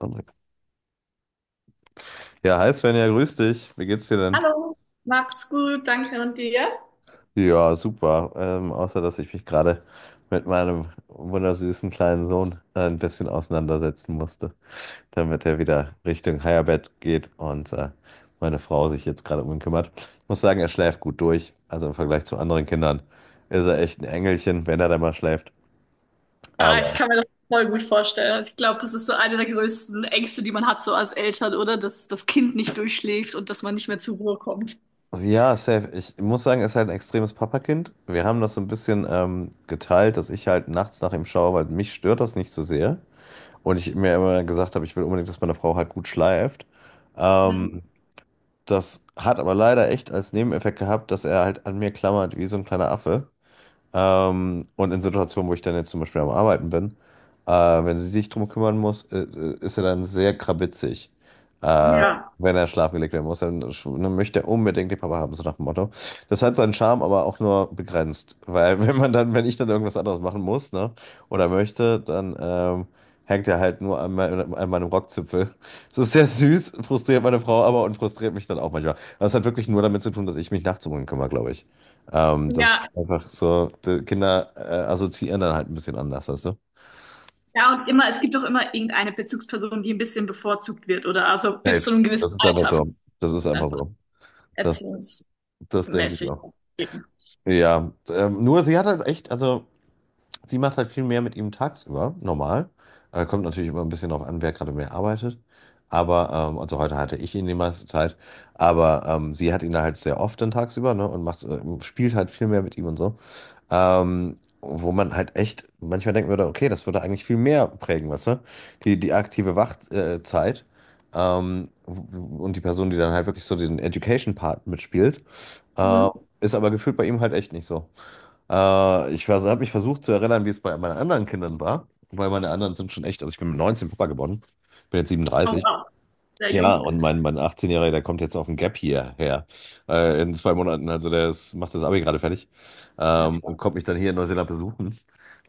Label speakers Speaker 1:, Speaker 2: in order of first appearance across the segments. Speaker 1: André. Ja, hi Svenja, grüß dich. Wie geht's dir denn?
Speaker 2: Hallo, mach's gut, danke und dir?
Speaker 1: Ja, super. Außer, dass ich mich gerade mit meinem wundersüßen kleinen Sohn ein bisschen auseinandersetzen musste, damit er wieder Richtung Higherbett geht und meine Frau sich jetzt gerade um ihn kümmert. Ich muss sagen, er schläft gut durch. Also im Vergleich zu anderen Kindern ist er echt ein Engelchen, wenn er da mal schläft.
Speaker 2: Ah, ich
Speaker 1: Aber
Speaker 2: kann mir das voll gut vorstellen. Also ich glaube, das ist so eine der größten Ängste, die man hat, so als Eltern, oder? Dass das Kind nicht durchschläft und dass man nicht mehr zur Ruhe kommt.
Speaker 1: ja, safe. Ich muss sagen, er ist halt ein extremes Papakind. Wir haben das so ein bisschen geteilt, dass ich halt nachts nach ihm schaue, weil mich stört das nicht so sehr, und ich mir immer gesagt habe, ich will unbedingt, dass meine Frau halt gut schleift.
Speaker 2: Mhm.
Speaker 1: Ähm, Das hat aber leider echt als Nebeneffekt gehabt, dass er halt an mir klammert wie so ein kleiner Affe. Und in Situationen, wo ich dann jetzt zum Beispiel am Arbeiten bin, äh, wenn sie sich drum kümmern muss, ist er dann sehr krabitzig. Äh,
Speaker 2: Ja.
Speaker 1: Wenn er schlafen gelegt werden muss, dann, dann möchte er unbedingt den Papa haben, so nach dem Motto. Das hat seinen Charme, aber auch nur begrenzt. Weil wenn man dann, wenn ich dann irgendwas anderes machen muss, ne, oder möchte, dann hängt er halt nur an, an meinem Rockzipfel. Es ist sehr süß, frustriert meine Frau aber und frustriert mich dann auch manchmal. Das hat wirklich nur damit zu tun, dass ich mich nachts um ihn kümmere, glaube ich. Das ist
Speaker 2: Ja,
Speaker 1: einfach so, die Kinder assoziieren dann halt ein bisschen anders, weißt du?
Speaker 2: ja, und immer, es gibt auch immer irgendeine Bezugsperson, die ein bisschen bevorzugt wird, oder? Also bis
Speaker 1: Safe.
Speaker 2: zu einem gewissen
Speaker 1: Das ist einfach
Speaker 2: Alter,
Speaker 1: so. Das ist einfach
Speaker 2: einfach
Speaker 1: so. Das,
Speaker 2: erziehungsmäßig.
Speaker 1: Das denke ich auch.
Speaker 2: Eben.
Speaker 1: Ja, nur sie hat halt echt, also sie macht halt viel mehr mit ihm tagsüber, normal. Kommt natürlich immer ein bisschen drauf an, wer gerade mehr arbeitet. Aber, also heute hatte ich ihn die meiste Zeit, aber sie hat ihn da halt sehr oft dann tagsüber, ne, und macht, spielt halt viel mehr mit ihm und so. Wo man halt echt manchmal denken würde, okay, das würde eigentlich viel mehr prägen, weißt du? Die, die aktive Wachzeit. Zeit, und die Person, die dann halt wirklich so den Education-Part mitspielt, äh,
Speaker 2: Mhm.
Speaker 1: ist aber gefühlt bei ihm halt echt nicht so. Ich habe mich versucht zu erinnern, wie es bei meinen anderen Kindern war, weil meine anderen sind schon echt, also ich bin mit 19 Papa geworden, bin jetzt
Speaker 2: Oh,
Speaker 1: 37.
Speaker 2: wow, sehr
Speaker 1: Ja,
Speaker 2: jung.
Speaker 1: und mein 18-Jähriger, der kommt jetzt auf ein Gap hierher, in 2 Monaten. Also der ist, macht das Abi gerade fertig,
Speaker 2: Ja,
Speaker 1: und
Speaker 2: spannend.
Speaker 1: kommt mich dann hier in Neuseeland besuchen.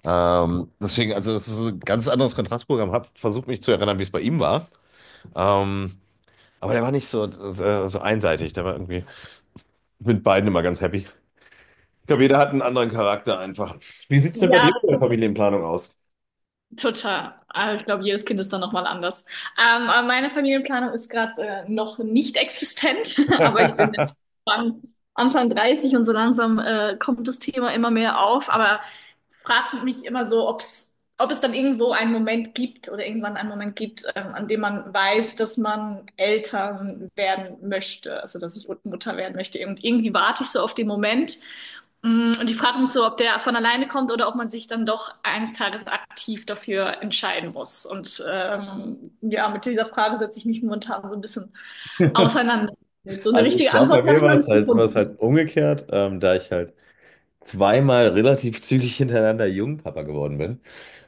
Speaker 1: Deswegen, also das ist so ein ganz anderes Kontrastprogramm. Hab versucht mich zu erinnern, wie es bei ihm war. Ähm, aber der war nicht so, so, so einseitig. Der war irgendwie mit beiden immer ganz happy. Ich glaube, jeder hat einen anderen Charakter einfach. Wie sieht's denn bei dir mit
Speaker 2: Ja,
Speaker 1: der Familienplanung aus?
Speaker 2: total. Aber ich glaube, jedes Kind ist dann nochmal anders. Aber meine Familienplanung ist gerade noch nicht existent, aber ich bin Anfang, Anfang 30 und so langsam kommt das Thema immer mehr auf. Aber frage mich immer so, ob es dann irgendwo einen Moment gibt oder irgendwann einen Moment gibt, an dem man weiß, dass man Eltern werden möchte, also dass ich Mutter werden möchte. Und irgendwie warte ich so auf den Moment. Und ich frage mich so, ob der von alleine kommt oder ob man sich dann doch eines Tages aktiv dafür entscheiden muss. Und ja, mit dieser Frage setze ich mich momentan so ein bisschen auseinander. So eine
Speaker 1: Also ich
Speaker 2: richtige
Speaker 1: glaube, bei
Speaker 2: Antwort habe
Speaker 1: mir
Speaker 2: ich noch nicht
Speaker 1: war es
Speaker 2: gefunden.
Speaker 1: halt umgekehrt, da ich halt zweimal relativ zügig hintereinander Jungpapa geworden bin.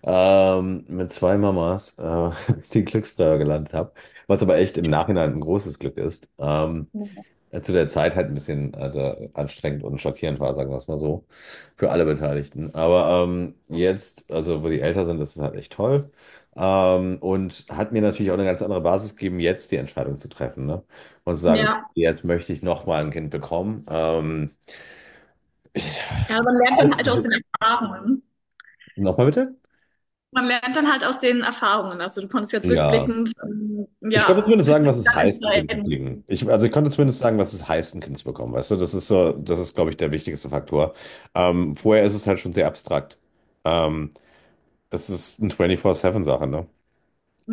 Speaker 1: Mit 2 Mamas den Glückstreffer gelandet habe. Was aber echt im Nachhinein ein großes Glück ist. Zu der Zeit halt ein bisschen, also anstrengend und schockierend war, sagen wir es mal so, für alle Beteiligten. Aber jetzt, also wo die älter sind, ist es halt echt toll. Und hat mir natürlich auch eine ganz andere Basis gegeben, jetzt die Entscheidung zu treffen, ne? Und zu sagen, okay,
Speaker 2: Ja,
Speaker 1: jetzt möchte ich nochmal ein Kind bekommen. Ich,
Speaker 2: ja, man lernt dann
Speaker 1: alles,
Speaker 2: halt
Speaker 1: also,
Speaker 2: aus den Erfahrungen.
Speaker 1: nochmal bitte?
Speaker 2: Man lernt dann halt aus den Erfahrungen. Also du konntest jetzt
Speaker 1: Ja.
Speaker 2: rückblickend,
Speaker 1: Ich konnte
Speaker 2: ja,
Speaker 1: zumindest
Speaker 2: für
Speaker 1: sagen,
Speaker 2: dich
Speaker 1: was es
Speaker 2: dann
Speaker 1: heißt, ein Kind zu
Speaker 2: entscheiden.
Speaker 1: kriegen. Ich, also ich konnte zumindest sagen, was es heißt, ein Kind zu bekommen. Weißt du, das ist so, das ist, glaube ich, der wichtigste Faktor. Vorher ist es halt schon sehr abstrakt. Ähm, Es ist eine 24-7-Sache, ne?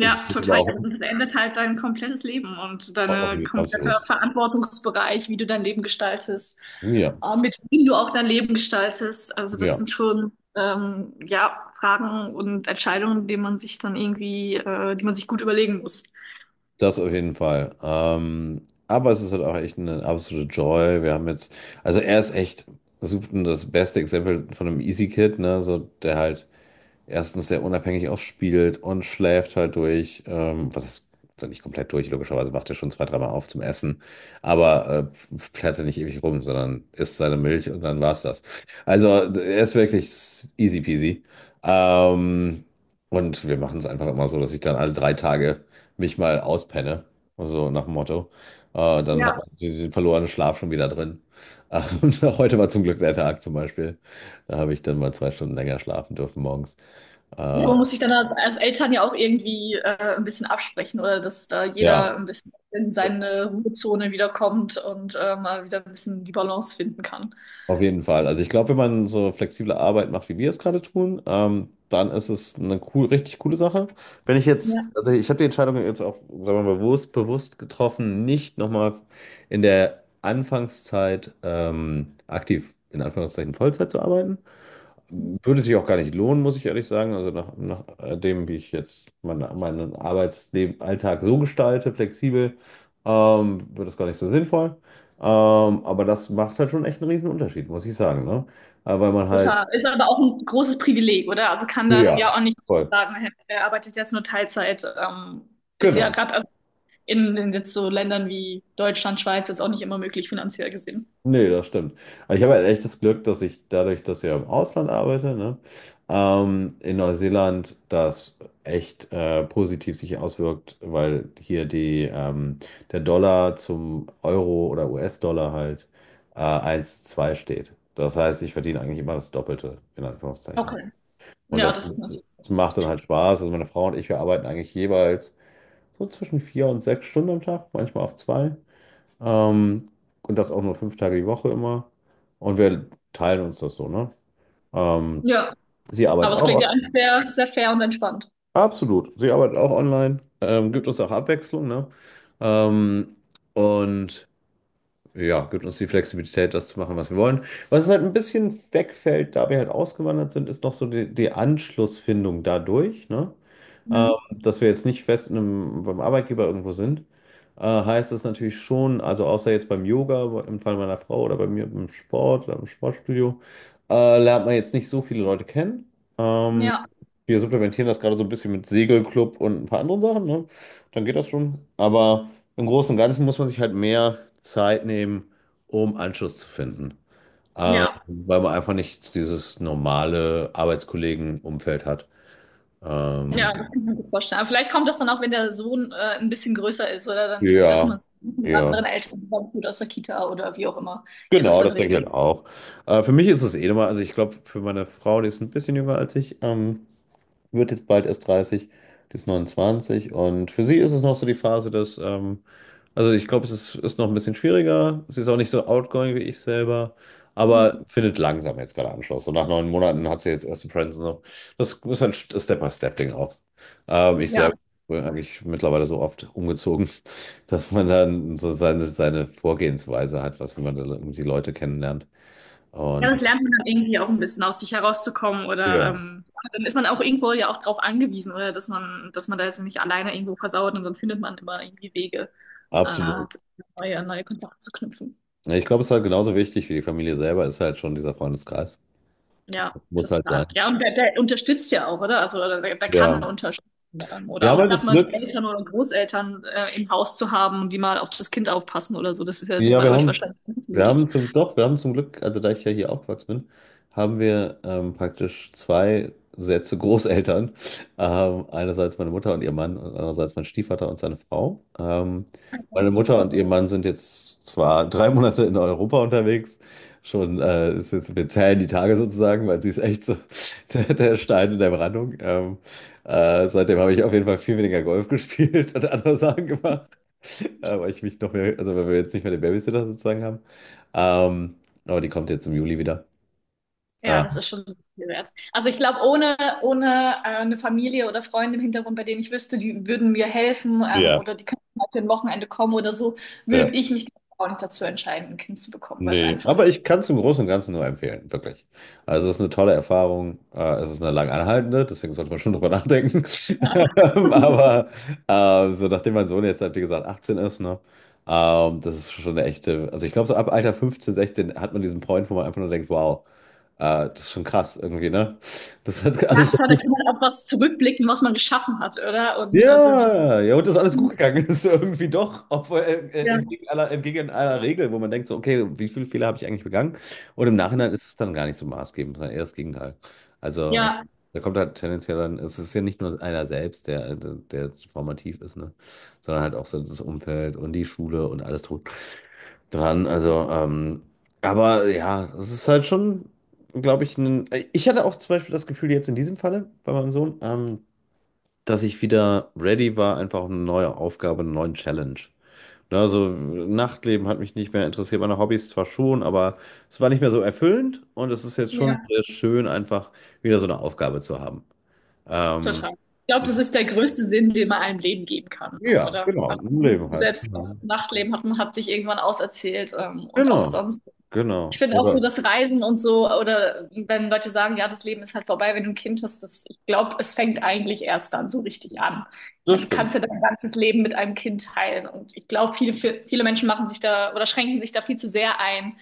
Speaker 1: Ich finde es aber
Speaker 2: total. Ja,
Speaker 1: auch,
Speaker 2: das verändert halt dein komplettes Leben und
Speaker 1: auch
Speaker 2: deine komplette
Speaker 1: absolut.
Speaker 2: Verantwortungsbereich, wie du dein Leben gestaltest,
Speaker 1: Ja,
Speaker 2: mit wem du auch dein Leben gestaltest. Also das
Speaker 1: ja,
Speaker 2: sind schon ja Fragen und Entscheidungen, die man sich dann irgendwie, die man sich gut überlegen muss.
Speaker 1: das auf jeden Fall. Aber es ist halt auch echt eine absolute Joy. Wir haben jetzt, also er ist echt super, das beste Exempel von einem Easy Kid, ne? So, der halt erstens sehr unabhängig auch spielt und schläft halt durch. Was ist, also nicht komplett durch, logischerweise wacht er schon zwei, dreimal auf zum Essen, aber plärt er nicht ewig rum, sondern isst seine Milch und dann war's das. Also er ist wirklich easy peasy. Ähm, und wir machen es einfach immer so, dass ich dann alle 3 Tage mich mal auspenne, also nach dem Motto. Dann hat
Speaker 2: Ja.
Speaker 1: man den verlorenen Schlaf schon wieder drin. Und heute war zum Glück der Tag zum Beispiel. Da habe ich dann mal 2 Stunden länger schlafen dürfen morgens.
Speaker 2: Ja,
Speaker 1: Äh,
Speaker 2: man muss sich dann als Eltern ja auch irgendwie ein bisschen absprechen oder dass da
Speaker 1: ja,
Speaker 2: jeder ein bisschen in seine Ruhezone wiederkommt und mal wieder ein bisschen die Balance finden kann.
Speaker 1: auf jeden Fall. Also ich glaube, wenn man so flexible Arbeit macht, wie wir es gerade tun, dann ist es eine cool, richtig coole Sache. Wenn ich jetzt,
Speaker 2: Ja.
Speaker 1: also ich habe die Entscheidung jetzt auch, sagen wir mal, bewusst, bewusst getroffen, nicht nochmal in der Anfangszeit aktiv in Anführungszeichen Vollzeit zu arbeiten. Würde sich auch gar nicht lohnen, muss ich ehrlich sagen. Also nach, nach dem, wie ich jetzt meine, meinen Arbeitsleben, Alltag so gestalte, flexibel, wird das gar nicht so sinnvoll. Ähm, aber das macht halt schon echt einen riesen Unterschied, muss ich sagen, ne? Weil man halt,
Speaker 2: Total. Ist aber auch ein großes Privileg, oder? Also kann dann
Speaker 1: ja,
Speaker 2: ja auch nicht
Speaker 1: voll,
Speaker 2: sagen, hey, er arbeitet jetzt nur Teilzeit. Ist ja
Speaker 1: genau.
Speaker 2: gerade in jetzt so Ländern wie Deutschland, Schweiz jetzt auch nicht immer möglich finanziell gesehen.
Speaker 1: Nee, das stimmt. Aber ich habe halt echt das Glück, dass ich dadurch, dass ich ja im Ausland arbeite, ne, in Neuseeland das echt positiv sich auswirkt, weil hier die, der Dollar zum Euro oder US-Dollar halt 1,2 steht. Das heißt, ich verdiene eigentlich immer das Doppelte, in Anführungszeichen.
Speaker 2: Okay.
Speaker 1: Und
Speaker 2: Ja, das ist natürlich.
Speaker 1: das macht dann halt Spaß. Also meine Frau und ich, wir arbeiten eigentlich jeweils so zwischen 4 und 6 Stunden am Tag, manchmal auf zwei. Ähm, und das auch nur 5 Tage die Woche immer. Und wir teilen uns das so, ne? Ähm,
Speaker 2: Ja,
Speaker 1: Sie
Speaker 2: aber
Speaker 1: arbeitet
Speaker 2: es klingt ja
Speaker 1: auch,
Speaker 2: eigentlich sehr fair und entspannt.
Speaker 1: absolut. Sie arbeitet auch online, gibt uns auch Abwechslung, ne? Ähm, und ja, gibt uns die Flexibilität, das zu machen, was wir wollen. Was halt ein bisschen wegfällt, da wir halt ausgewandert sind, ist noch so die, die Anschlussfindung dadurch, ne?
Speaker 2: Mhm.
Speaker 1: Dass wir jetzt nicht fest in einem, beim Arbeitgeber irgendwo sind, heißt das natürlich schon, also außer jetzt beim Yoga, im Fall meiner Frau oder bei mir im Sport oder im Sportstudio, lernt man jetzt nicht so viele Leute kennen. Ähm,
Speaker 2: Ja,
Speaker 1: Wir supplementieren das gerade so ein bisschen mit Segelclub und ein paar anderen Sachen, ne? Dann geht das schon. Aber im Großen und Ganzen muss man sich halt mehr Zeit nehmen, um Anschluss zu finden.
Speaker 2: ja.
Speaker 1: Weil man einfach nicht dieses normale Arbeitskollegenumfeld hat.
Speaker 2: Ja,
Speaker 1: Ähm,
Speaker 2: das kann ich mir gut vorstellen. Aber vielleicht kommt das dann auch, wenn der Sohn ein bisschen größer ist oder dann irgendwie, dass
Speaker 1: ja,
Speaker 2: man mit
Speaker 1: ja.
Speaker 2: anderen Eltern zusammentut aus der Kita oder wie auch immer ihr das
Speaker 1: Genau,
Speaker 2: dann
Speaker 1: das denke ich
Speaker 2: regelt.
Speaker 1: halt auch. Für mich ist es eh nochmal, also ich glaube, für meine Frau, die ist ein bisschen jünger als ich, wird jetzt bald erst 30, die ist 29 und für sie ist es noch so die Phase, dass, also ich glaube, es ist, ist noch ein bisschen schwieriger. Sie ist auch nicht so outgoing wie ich selber, aber findet langsam jetzt gerade Anschluss. Und nach 9 Monaten hat sie jetzt erste Friends und so. Das ist halt ein Step-by-Step-Ding auch. Ich
Speaker 2: Ja.
Speaker 1: selber bin eigentlich mittlerweile so oft umgezogen, dass man dann so seine, seine Vorgehensweise hat, was wenn man da irgendwie die Leute kennenlernt.
Speaker 2: Ja,
Speaker 1: Und
Speaker 2: das lernt man dann irgendwie auch ein bisschen aus sich herauszukommen oder
Speaker 1: ja,
Speaker 2: ja, dann ist man auch irgendwo ja auch drauf angewiesen, oder dass man da jetzt nicht alleine irgendwo versauert und dann findet man immer irgendwie Wege, äh,
Speaker 1: absolut.
Speaker 2: neue Kontakte zu knüpfen.
Speaker 1: Ja, ich glaube, es ist halt genauso wichtig wie die Familie selber, ist halt schon dieser Freundeskreis.
Speaker 2: Ja,
Speaker 1: Muss halt
Speaker 2: total.
Speaker 1: sein.
Speaker 2: Ja, und der unterstützt ja auch, oder? Also oder der kann
Speaker 1: Ja.
Speaker 2: unterstützen.
Speaker 1: Wir
Speaker 2: Oder
Speaker 1: haben
Speaker 2: auch
Speaker 1: halt
Speaker 2: gerade
Speaker 1: das
Speaker 2: mal die
Speaker 1: Glück,
Speaker 2: Eltern oder Großeltern im Haus zu haben, die mal auf das Kind aufpassen oder so. Das ist ja jetzt
Speaker 1: ja,
Speaker 2: bei euch wahrscheinlich nicht
Speaker 1: wir haben
Speaker 2: möglich.
Speaker 1: zum, doch, wir haben zum Glück, also da ich ja hier aufgewachsen bin, haben wir praktisch zwei Sätze Großeltern. Einerseits meine Mutter und ihr Mann und andererseits mein Stiefvater und seine Frau.
Speaker 2: Ja,
Speaker 1: Meine Mutter
Speaker 2: super.
Speaker 1: und ihr Mann sind jetzt zwar 3 Monate in Europa unterwegs, schon ist jetzt, wir zählen die Tage sozusagen, weil sie ist echt so der, der Stein in der Brandung. Seitdem habe ich auf jeden Fall viel weniger Golf gespielt und andere Sachen gemacht. Weil ich mich noch mehr, also weil wir jetzt nicht mehr den Babysitter sozusagen haben. Ähm, aber die kommt jetzt im Juli wieder.
Speaker 2: Ja,
Speaker 1: Ah,
Speaker 2: das ist schon viel wert. Also ich glaube, ohne eine Familie oder Freunde im Hintergrund, bei denen ich wüsste, die würden mir helfen
Speaker 1: ja,
Speaker 2: oder die könnten mal für ein Wochenende kommen oder so, würde
Speaker 1: ja.
Speaker 2: ich mich auch nicht dazu entscheiden, ein Kind zu bekommen, weil es
Speaker 1: Nee,
Speaker 2: einfach.
Speaker 1: aber ich kann es im Großen und Ganzen nur empfehlen, wirklich. Also es ist eine tolle Erfahrung, es ist eine lang anhaltende, deswegen sollte man schon drüber nachdenken.
Speaker 2: Ja,
Speaker 1: Aber so nachdem mein Sohn jetzt halt, wie gesagt, 18 ist, ne, das ist schon eine echte, also ich glaube, so ab Alter 15, 16 hat man diesen Point, wo man einfach nur denkt, wow, das ist schon krass irgendwie, ne? Das hat alles,
Speaker 2: klar, da kann man auch was zurückblicken, was man geschaffen hat, oder? Und also wie
Speaker 1: ja, ja, und das ist alles gut gegangen. Das ist irgendwie doch, obwohl
Speaker 2: ja,
Speaker 1: entgegen aller Regel, wo man denkt so, okay, wie viele Fehler habe ich eigentlich begangen? Und im Nachhinein ist es dann gar nicht so maßgebend, sondern eher das Gegenteil. Also
Speaker 2: ja,
Speaker 1: da kommt halt tendenziell dann, es ist ja nicht nur einer selbst, der, der formativ ist, ne? Sondern halt auch so das Umfeld und die Schule und alles drum dran. Also, aber ja, es ist halt schon, glaube ich, ein, ich hatte auch zum Beispiel das Gefühl jetzt in diesem Falle bei meinem Sohn, dass ich wieder ready war, einfach auf eine neue Aufgabe, eine neue Challenge. Ne, also Nachtleben hat mich nicht mehr interessiert, meine Hobbys zwar schon, aber es war nicht mehr so erfüllend und es ist jetzt schon
Speaker 2: ja,
Speaker 1: sehr schön, einfach wieder so eine Aufgabe zu haben. Ähm,
Speaker 2: total. Ich glaube, das ist der größte Sinn, den man einem Leben geben kann,
Speaker 1: ja,
Speaker 2: oder?
Speaker 1: genau,
Speaker 2: Also,
Speaker 1: im Leben halt.
Speaker 2: selbst das
Speaker 1: Genau,
Speaker 2: Nachtleben hat man hat sich irgendwann auserzählt, und auch
Speaker 1: genau,
Speaker 2: sonst. Ich
Speaker 1: genau.
Speaker 2: finde auch so
Speaker 1: Oder?
Speaker 2: das Reisen und so, oder wenn Leute sagen, ja, das Leben ist halt vorbei, wenn du ein Kind hast, das, ich glaube, es fängt eigentlich erst dann so richtig an. Ich
Speaker 1: Das
Speaker 2: meine, du kannst
Speaker 1: stimmt.
Speaker 2: ja dein ganzes Leben mit einem Kind teilen. Und ich glaube, viele Menschen machen sich da oder schränken sich da viel zu sehr ein,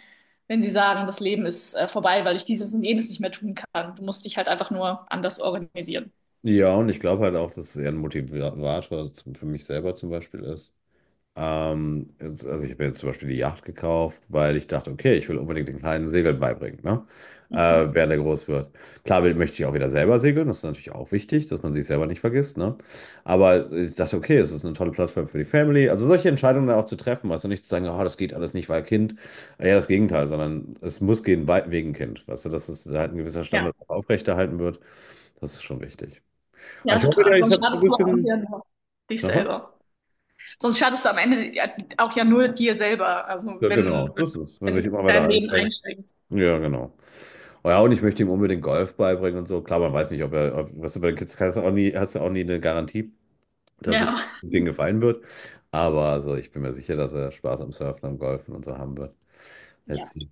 Speaker 2: wenn sie sagen, das Leben ist vorbei, weil ich dieses und jenes nicht mehr tun kann. Du musst dich halt einfach nur anders organisieren.
Speaker 1: Ja, und ich glaube halt auch, dass es eher ein Motivator zum- für mich selber zum Beispiel ist. Jetzt- also ich habe jetzt zum Beispiel die Yacht gekauft, weil ich dachte, okay, ich will unbedingt den kleinen Segeln beibringen, ne? Mhm, während er groß wird. Klar will, möchte ich auch wieder selber segeln, das ist natürlich auch wichtig, dass man sich selber nicht vergisst, ne? Aber ich dachte, okay, es ist eine tolle Plattform für die Family. Also solche Entscheidungen dann auch zu treffen, weißt du, nicht zu sagen, oh, das geht alles nicht, weil Kind. Ja, das Gegenteil, sondern es muss gehen wegen Kind, weißt du, dass es halt ein gewisser
Speaker 2: Ja,
Speaker 1: Standard auch aufrechterhalten wird, das ist schon wichtig. Aber
Speaker 2: ja,
Speaker 1: ich hoffe ja,
Speaker 2: total.
Speaker 1: ich
Speaker 2: Sonst
Speaker 1: habe so ein
Speaker 2: schadest du am
Speaker 1: bisschen...
Speaker 2: Ende nur dich
Speaker 1: Aha.
Speaker 2: selber. Sonst schadest du am Ende ja auch ja nur dir selber, also
Speaker 1: Ja, genau,
Speaker 2: wenn,
Speaker 1: das ist, wenn
Speaker 2: wenn
Speaker 1: du dich
Speaker 2: du
Speaker 1: immer
Speaker 2: dein
Speaker 1: weiter
Speaker 2: Leben
Speaker 1: einschränkst.
Speaker 2: einschränkst.
Speaker 1: Ja, genau. Oh ja, und ich möchte ihm unbedingt Golf beibringen und so. Klar, man weiß nicht, ob er, ob, was du bei den Kids kannst, du auch nie, hast du auch nie eine Garantie, dass es
Speaker 2: Ja.
Speaker 1: denen gefallen wird. Aber also ich bin mir sicher, dass er Spaß am Surfen, am Golfen und so haben wird. Let's
Speaker 2: Ja,
Speaker 1: see.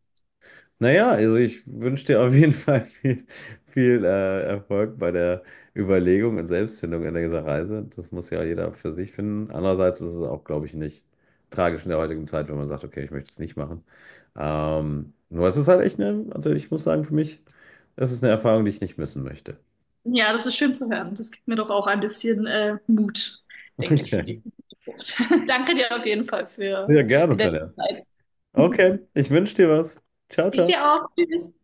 Speaker 1: Naja, also ich wünsche dir auf jeden Fall viel, viel Erfolg bei der Überlegung und Selbstfindung in dieser Reise. Das muss ja jeder für sich finden. Andererseits ist es auch, glaube ich, nicht tragisch in der heutigen Zeit, wenn man sagt, okay, ich möchte es nicht machen. Nur es ist halt echt eine, also ich muss sagen, für mich, es ist eine Erfahrung, die ich nicht missen möchte.
Speaker 2: ja, das ist schön zu hören. Das gibt mir doch auch ein bisschen Mut, denke ich, für
Speaker 1: Okay.
Speaker 2: die Zukunft. Danke dir auf jeden Fall
Speaker 1: Ja, gerne,
Speaker 2: für deine
Speaker 1: Svenja.
Speaker 2: Zeit.
Speaker 1: Okay, ich wünsche dir was. Ciao,
Speaker 2: Ich
Speaker 1: ciao.
Speaker 2: dir auch. Tschüss.